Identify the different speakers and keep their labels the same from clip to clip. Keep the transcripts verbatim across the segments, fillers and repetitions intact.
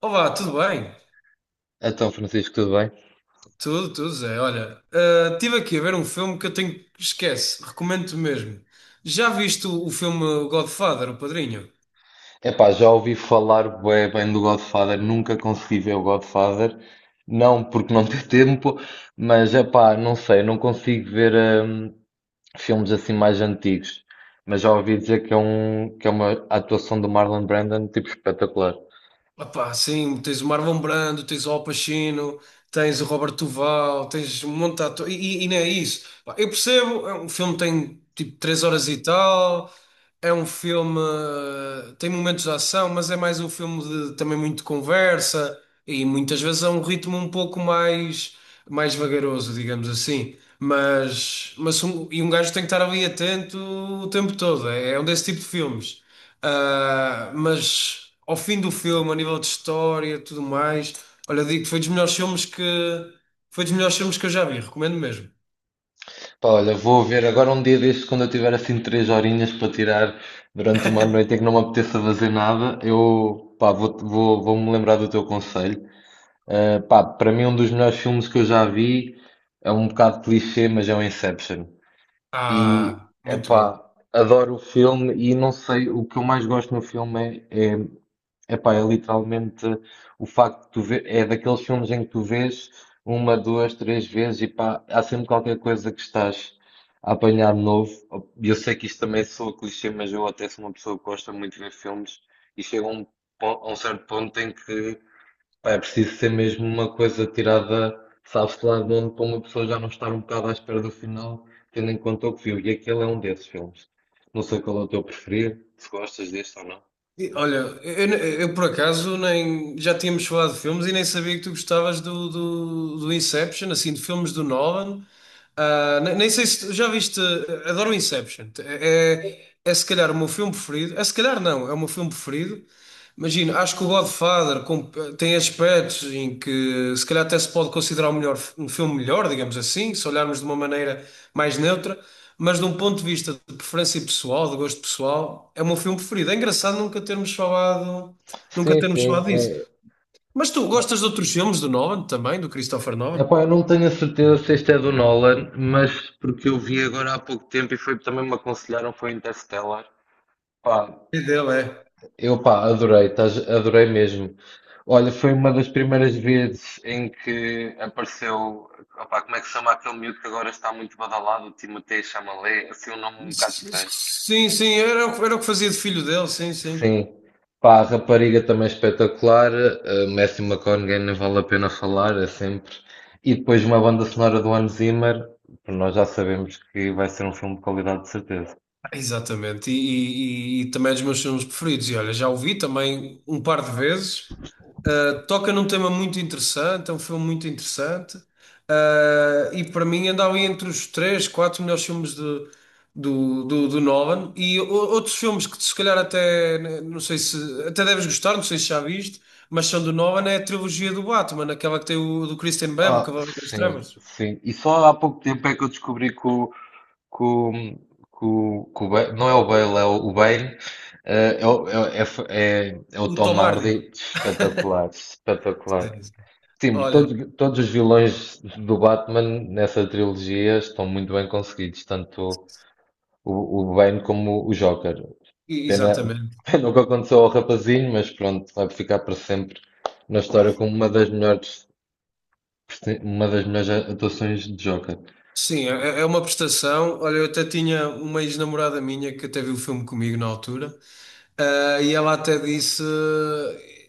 Speaker 1: Olá, tudo bem?
Speaker 2: Então, Francisco, tudo bem?
Speaker 1: Tudo, tudo, Zé. Olha, ah, estive aqui a ver um filme que eu tenho. Esquece, recomendo-te mesmo. Já viste o, o filme Godfather, O Padrinho?
Speaker 2: Epá, já ouvi falar bué bem do Godfather, nunca consegui ver o Godfather. Não porque não tenho tempo, mas epá, não sei, não consigo ver hum, filmes assim mais antigos. Mas já ouvi dizer que é um, que é uma atuação do Marlon Brando tipo espetacular.
Speaker 1: Epá, sim, tens o Marlon Brando, tens o Al Pacino, tens o Robert Duval, tens um monte de atores, e, e- e não é isso. Pá, eu percebo, é um filme que tem tipo três horas e tal, é um filme, eh, tem momentos de ação, mas é mais um filme de também muito conversa e muitas vezes é um ritmo um pouco mais, mais vagaroso, digamos assim. Mas, mas um, e um gajo tem que estar ali atento o tempo todo, é, é um desse tipo de filmes. Ah, mas ao fim do filme, a nível de história e tudo mais, olha, eu digo que foi dos melhores filmes que foi dos melhores filmes que eu já vi, recomendo mesmo.
Speaker 2: Pá, olha, vou ver agora um dia destes quando eu tiver assim três horinhas para tirar durante uma noite em que não me apeteça fazer nada, eu pá, vou, vou, vou-me lembrar do teu conselho. Uh, pá, para mim, um dos melhores filmes que eu já vi é um bocado clichê, mas é o Inception. E,
Speaker 1: Ah, muito
Speaker 2: epá,
Speaker 1: bom.
Speaker 2: adoro o filme e não sei, o que eu mais gosto no filme é, é, epá, é literalmente o facto de tu ver, é daqueles filmes em que tu vês uma, duas, três vezes e pá, há sempre qualquer coisa que estás a apanhar de novo. E eu sei que isto também soa clichê, mas eu até sou uma pessoa que gosta muito de ver filmes e chega a um, pon- a um certo ponto em que pá, é preciso ser mesmo uma coisa tirada, sabe-se lá de onde, para uma pessoa já não estar um bocado à espera do final, tendo em conta o que viu. E aquele é um desses filmes. Não sei qual é o teu preferido, se gostas deste ou não.
Speaker 1: E, olha, eu, eu- eu, por acaso nem já tínhamos falado de filmes e nem sabia que tu gostavas do, do, do Inception, assim, de filmes do Nolan. Ah, ne- nem sei se tu já viste. Adoro o Inception. É, é, é se calhar o meu filme preferido. É se calhar não, é o meu filme preferido. Imagina, acho que o Godfather com- tem aspectos em que se calhar até se pode considerar o melhor, um filme melhor, digamos assim, se olharmos de uma maneira mais neutra. Mas de um ponto de vista de preferência pessoal, de gosto pessoal, é o meu filme preferido. É engraçado nunca termos falado, nunca
Speaker 2: Sim,
Speaker 1: termos
Speaker 2: sim.
Speaker 1: falado disso.
Speaker 2: É...
Speaker 1: Mas tu gostas de outros filmes do Nolan também, do Christopher Nolan?
Speaker 2: Epá, eu não tenho a certeza se este é do Nolan, mas porque eu vi agora há pouco tempo e foi também me aconselharam, foi Interstellar. Pá,
Speaker 1: É dele, é.
Speaker 2: eu, pá, adorei, estás- adorei mesmo. Olha, foi uma das primeiras vezes em que apareceu, opá, como é que se chama aquele miúdo que agora está muito badalado, o Timothée Chalamet, assim um nome um bocado
Speaker 1: S-
Speaker 2: estranho.
Speaker 1: Sim, sim, era o, que- era o que fazia de filho dele, sim, sim.
Speaker 2: Sim, pá, a rapariga também espetacular, eh, Matthew McConaughey nem vale a pena falar, é sempre. E depois uma banda sonora do Hans Zimmer, que nós já sabemos que vai ser um filme de qualidade de certeza.
Speaker 1: Exatamente, e, e- e também é dos meus filmes preferidos. E olha, já o vi também um par de vezes. Uh, toca num tema muito interessante, é um filme muito interessante. Uh, e para mim anda ali entre os três, quatro melhores filmes de- do, do, do Nolan. E o- outros filmes que se calhar até, né, não sei se, até deves gostar, não sei se já viste, mas são do Nolan, é a trilogia do Batman, aquela que tem o do Christian Bale, o
Speaker 2: Ah,
Speaker 1: Cavaleiro das
Speaker 2: sim,
Speaker 1: Trevas,
Speaker 2: sim. E só há pouco tempo é que eu descobri que o com, com, com o Bale, não é o Bale, é o, o Bane, eh, é, o- é, o- é, f- é, é o
Speaker 1: o
Speaker 2: Tom
Speaker 1: Tom Hardy.
Speaker 2: Hardy, espetacular, espetacular. Sim, todos,
Speaker 1: Olha,
Speaker 2: todos os vilões do Batman nessa trilogia estão muito bem conseguidos, tanto o, o Bane como o Joker.
Speaker 1: e-
Speaker 2: Pena,
Speaker 1: exatamente.
Speaker 2: pena o que aconteceu ao rapazinho, mas pronto, vai ficar para sempre na história como uma das melhores, presen- uma das melhores atuações de Joker.
Speaker 1: Sim, é é é uma prestação. Olha, eu até tinha uma ex-namorada minha que até viu o filme comigo na altura, ah, e ela até disse.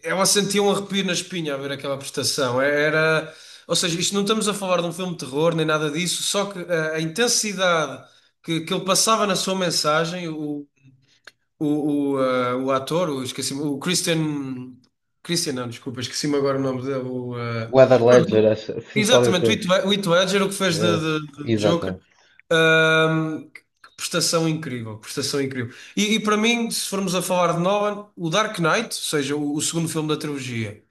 Speaker 1: Ela sentia um arrepio na espinha a ver aquela prestação. É, era. Ou seja, isto não estamos a falar de um filme de terror nem nada disso, só que ah, a intensidade que, que ele passava na sua mensagem, o, o, o, ah, o ator, o, esqueci-me, o Christian. Christian, não, desculpa, esqueci-me agora o nome dele.
Speaker 2: O Heath Ledger, acho, sim, qualquer
Speaker 1: Exatamente, o
Speaker 2: coisa.
Speaker 1: Heath Led- o Heath Ledger, o que fez de,
Speaker 2: Eh,
Speaker 1: de- de Joker,
Speaker 2: Exatamente.
Speaker 1: ahm, que prestação incrível, prestação incrível. E, e para mim, se formos a falar de Nolan, o Dark Knight, ou seja, o, o segundo filme da trilogia,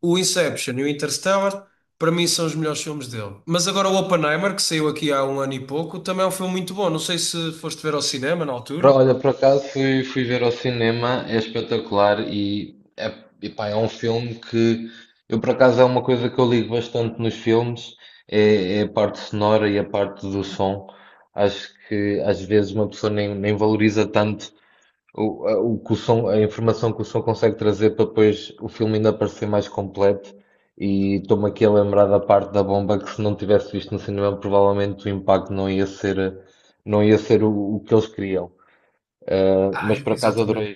Speaker 1: o Inception e o Interstellar, para mim são os melhores filmes dele. Mas agora o Oppenheimer, que saiu aqui há um ano e pouco, também é um filme muito bom. Não sei se foste ver ao cinema na altura.
Speaker 2: Pro- Olha, por acaso fui, fui ver ao cinema, é espetacular e é, epá, é um filme que eu por acaso é uma coisa que eu ligo bastante nos filmes, é, é a parte sonora e a parte do som. Acho que às vezes uma pessoa nem, nem valoriza tanto o, a, o que o som, a informação que o som consegue trazer para depois o filme ainda parecer mais completo. E estou-me aqui a lembrar da parte da bomba que se não tivesse visto no cinema, provavelmente o impacto não ia ser, não ia ser o o que eles queriam. Uh,
Speaker 1: Ah,
Speaker 2: mas por acaso
Speaker 1: exatamente.
Speaker 2: adorei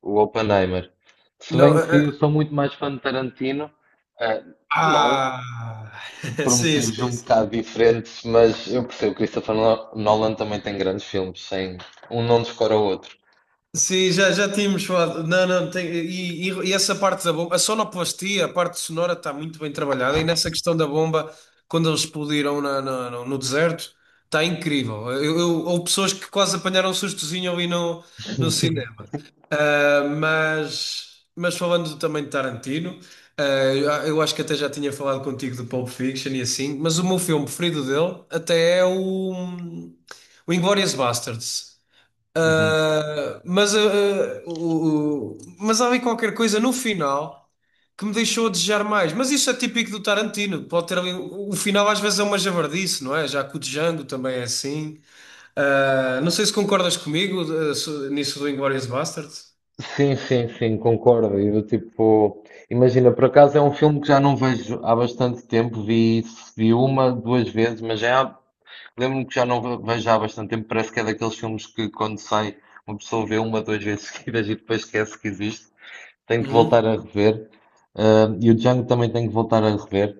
Speaker 2: o Oppenheimer. Se
Speaker 1: Não,
Speaker 2: bem
Speaker 1: eh,
Speaker 2: que
Speaker 1: eh,
Speaker 2: sou muito mais fã de Tarantino, uh, não
Speaker 1: ah,
Speaker 2: por
Speaker 1: sim,
Speaker 2: motivos
Speaker 1: sim,
Speaker 2: um
Speaker 1: sim.
Speaker 2: bocado diferentes, mas eu percebo que Christopher No- Nolan também tem grandes filmes, sem um não descora o outro.
Speaker 1: Sim, já, já tínhamos falado. Não, não, tem- e, e- e essa parte da bomba, a sonoplastia, a parte sonora está muito bem trabalhada. E nessa questão da bomba, quando eles explodiram na- na- no, no deserto, está incrível. Eu, eu- houve pessoas que quase apanharam um sustozinho ali no, no cinema. Ah, mas, mas falando também de Tarantino, ah, eu acho que até já tinha falado contigo do Pulp Fiction e assim, mas o meu filme preferido dele até é o, o Inglourious Basterds.
Speaker 2: Uhum.
Speaker 1: Ah, mas, ah, ah, o, o- mas há ali qualquer coisa no final que me deixou a desejar mais. Mas isso é típico do Tarantino. Pode ter ali, o final às vezes é uma javardice, não é? Já que o Django também é assim. Ah, não sei se concordas comigo, ah, so- nisso do Inglourious Basterds.
Speaker 2: Sim, sim, sim, concordo. E do tipo, imagina, por acaso é um filme que já não vejo há bastante tempo, vi, vi uma, duas vezes, mas já lembro-me que já não ve- vejo há bastante tempo, parece que é daqueles filmes que quando sai uma pessoa vê uma, duas vezes seguidas e depois esquece que existe. Tenho que
Speaker 1: Uhum.
Speaker 2: voltar a rever. Ah, e o Django também tenho que voltar a rever.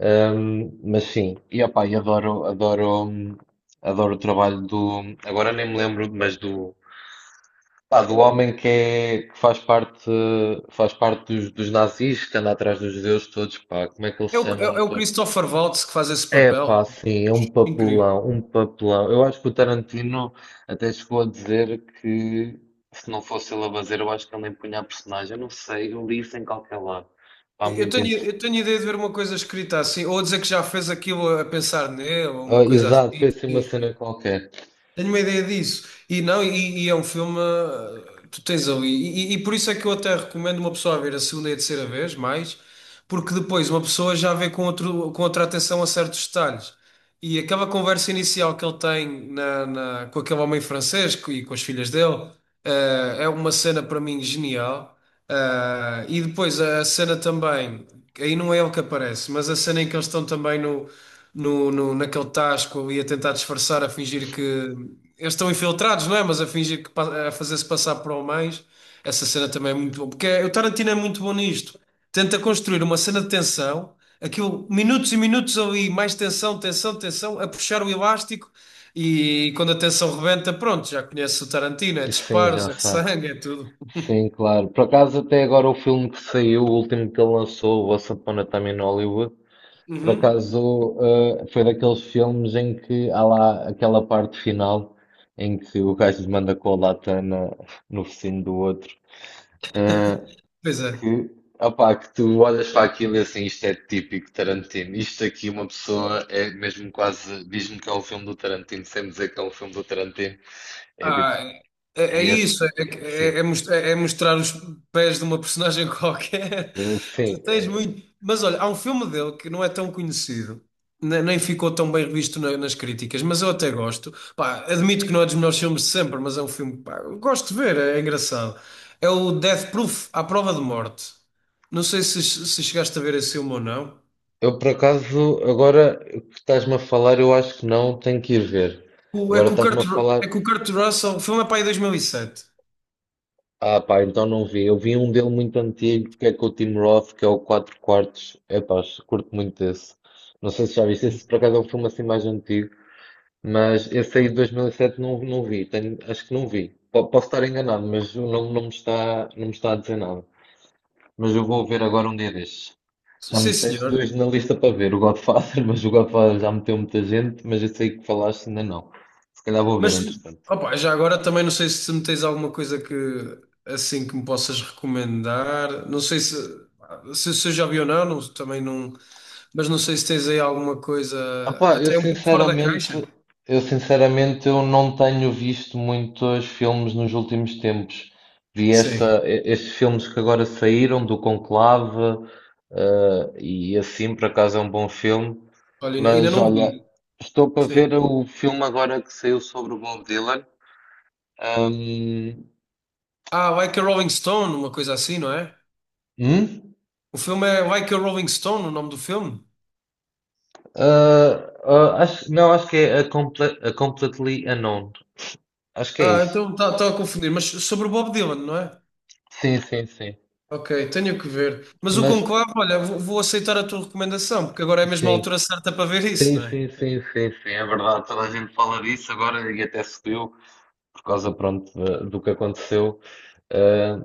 Speaker 2: Ahm, mas sim, e opá, e adoro, adoro, hum, adoro o trabalho do, agora nem me lembro, mas do, pá, do homem que, é, que faz parte, faz parte dos, dos nazis, que anda atrás dos judeus todos, pá, como é que eles se
Speaker 1: É o, é,
Speaker 2: chamam?
Speaker 1: é o Christopher Waltz que faz esse
Speaker 2: É
Speaker 1: papel.
Speaker 2: pá, sim, é um
Speaker 1: Incrível.
Speaker 2: papelão, um papelão. Eu acho que o Tarantino até chegou a dizer que se não fosse ele a fazer, eu acho que ele empunha a personagem. Eu não sei, eu li isso em qualquer lado. Pá,
Speaker 1: Eu eu
Speaker 2: muito
Speaker 1: tenho,
Speaker 2: interessante.
Speaker 1: eu tenho ideia de ver uma coisa escrita assim, ou a dizer que já fez aquilo a pensar nele, ou
Speaker 2: Ah,
Speaker 1: uma coisa assim.
Speaker 2: exato, foi assim uma
Speaker 1: Sim,
Speaker 2: cena
Speaker 1: sim.
Speaker 2: qualquer.
Speaker 1: Tenho uma ideia disso. E não, e, e é um filme. uh, Tu tens ali. E, e- e por isso é que eu até recomendo uma pessoa a ver a segunda e a terceira vez, mais, porque depois uma pessoa já vê com outro, com outra atenção a certos detalhes. E aquela conversa inicial que ele tem na, na- com aquele homem francês co- e com as filhas dele, eh, é uma cena para mim genial. Ah, e depois a a cena também, aí não é ele que aparece, mas a cena em que eles estão também no, no, no- naquele tasco ali a tentar disfarçar, a fingir que eles estão infiltrados, não é? Mas a fingir que pa- a fazer-se passar por homens, essa cena também é muito boa, porque é- o Tarantino é muito bom nisto. Tenta construir uma cena de tensão, aquilo, minutos e minutos ali, mais tensão, tensão, tensão, a puxar o elástico e quando a tensão rebenta, pronto, já conhece o Tarantino, é
Speaker 2: E sim,
Speaker 1: disparos,
Speaker 2: já
Speaker 1: é
Speaker 2: sabe.
Speaker 1: sangue, é tudo.
Speaker 2: Sim, claro. Por acaso, até agora o filme que saiu, o último que ele lançou, o Once Upon a Time in Hollywood, por
Speaker 1: Uhum.
Speaker 2: acaso, eh, foi daqueles filmes em que há lá aquela parte final em que o gajo manda com a lata na- no focinho do outro, eh,
Speaker 1: Pois é.
Speaker 2: que, opá, que tu olhas para aquilo e assim, isto é típico Tarantino. Isto aqui, uma pessoa é mesmo quase, diz-me que é um filme do Tarantino, sem me dizer que é um filme do Tarantino. É tipo,
Speaker 1: Ah, é, é
Speaker 2: é, esse-
Speaker 1: isso, é,
Speaker 2: sim,
Speaker 1: é- é mos- é é mostrar os pés de uma personagem qualquer.
Speaker 2: é, sim.
Speaker 1: Tu
Speaker 2: é.
Speaker 1: tens muito. Mas olha, há um filme dele que não é tão conhecido, ne- nem ficou tão bem visto na- nas críticas, mas eu até gosto. Pá, admito que não é dos melhores filmes de sempre, mas é um filme que pá, eu gosto de ver, é é engraçado. É o Death Proof, à prova de morte. Não sei se, se chegaste a ver esse filme ou não.
Speaker 2: Eu, por acaso, agora que estás-me a falar, eu acho que não, tenho que ir ver.
Speaker 1: O- É
Speaker 2: Agora
Speaker 1: com o
Speaker 2: estás-me
Speaker 1: Kurt,
Speaker 2: a
Speaker 1: Ru- é
Speaker 2: falar.
Speaker 1: com o Kurt Russell, o filme é para aí dois mil e sete.
Speaker 2: Ah, pá, então não vi. Eu vi um dele muito antigo, que é com o Tim Roth, que é o Quatro Quartos. É pá, curto muito esse. Não sei se já viste. Esse por acaso é um filme assim mais antigo, mas esse aí de dois mil e sete não, não vi. Tenho- acho que não vi. Po- posso estar enganado, mas o nome não me está, não me está a dizer nada. Mas eu vou ver agora um dia destes. Já
Speaker 1: Sim,
Speaker 2: meteste dois
Speaker 1: senhor.
Speaker 2: na lista para ver, o Godfather, mas o Godfather já meteu muita gente, mas esse aí que falaste ainda não. Se calhar vou ver,
Speaker 1: Mas,
Speaker 2: entretanto.
Speaker 1: opa, já agora também não sei se me tens alguma coisa que assim que me possas recomendar. Não sei se, se, se eu já vi ou não, não- também não. Mas não sei se tens aí alguma coisa
Speaker 2: Opá, eu
Speaker 1: até um pouco fora da
Speaker 2: sinceramente,
Speaker 1: caixa.
Speaker 2: eu sinceramente eu não tenho visto muitos filmes nos últimos tempos. Vi
Speaker 1: Sim.
Speaker 2: esta, e- estes filmes que agora saíram do Conclave, eh, e assim por acaso é um bom filme.
Speaker 1: Olha, ainda ainda
Speaker 2: Mas
Speaker 1: não
Speaker 2: olha,
Speaker 1: vi.
Speaker 2: estou para ver
Speaker 1: Sim.
Speaker 2: o filme agora que saiu sobre o Bob Dylan. Ahm,
Speaker 1: Ah, Like a Rolling Stone, uma coisa assim, não é?
Speaker 2: hum?
Speaker 1: O filme é Like a Rolling Stone, o nome do filme?
Speaker 2: Ah, ah, acho, não, acho que é a, Comple- a Completely Unknown. Acho que é
Speaker 1: Ah,
Speaker 2: isso.
Speaker 1: então está a confundir. Mas sobre o Bob Dylan, não é?
Speaker 2: Sim, sim, sim.
Speaker 1: Ok, tenho que ver. Mas o
Speaker 2: Mas
Speaker 1: conclave, olha, vou, vou aceitar a tua recomendação, porque agora é mesmo a
Speaker 2: sim.
Speaker 1: altura certa para ver isso,
Speaker 2: Sim,
Speaker 1: não é?
Speaker 2: sim, sim, sim, sim, é verdade. Toda a gente fala disso agora e até subiu por causa, pronto, da- do que aconteceu. Ah,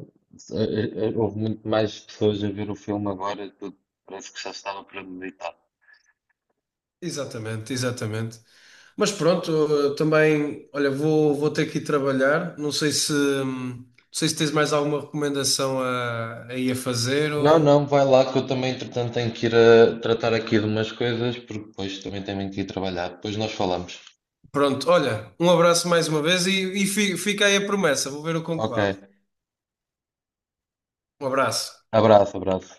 Speaker 2: eh, eh, houve muito mais pessoas a ver o filme agora, tudo, parece que já estava premeditado.
Speaker 1: Exatamente, exatamente. Mas pronto, eu também, olha, vou, vou ter que ir trabalhar. Não sei se, hum, não sei se tens mais alguma recomendação a, a ir a fazer
Speaker 2: Não,
Speaker 1: ou...
Speaker 2: não, vai lá que eu também, entretanto, tenho que ir a tratar aqui de umas coisas, porque depois também tenho que ir trabalhar. Depois nós falamos.
Speaker 1: Pronto, olha, um abraço mais uma vez e, e fi- fica aí a promessa. Vou ver o
Speaker 2: Ok,
Speaker 1: conclave. Um abraço.
Speaker 2: abraço, abraço.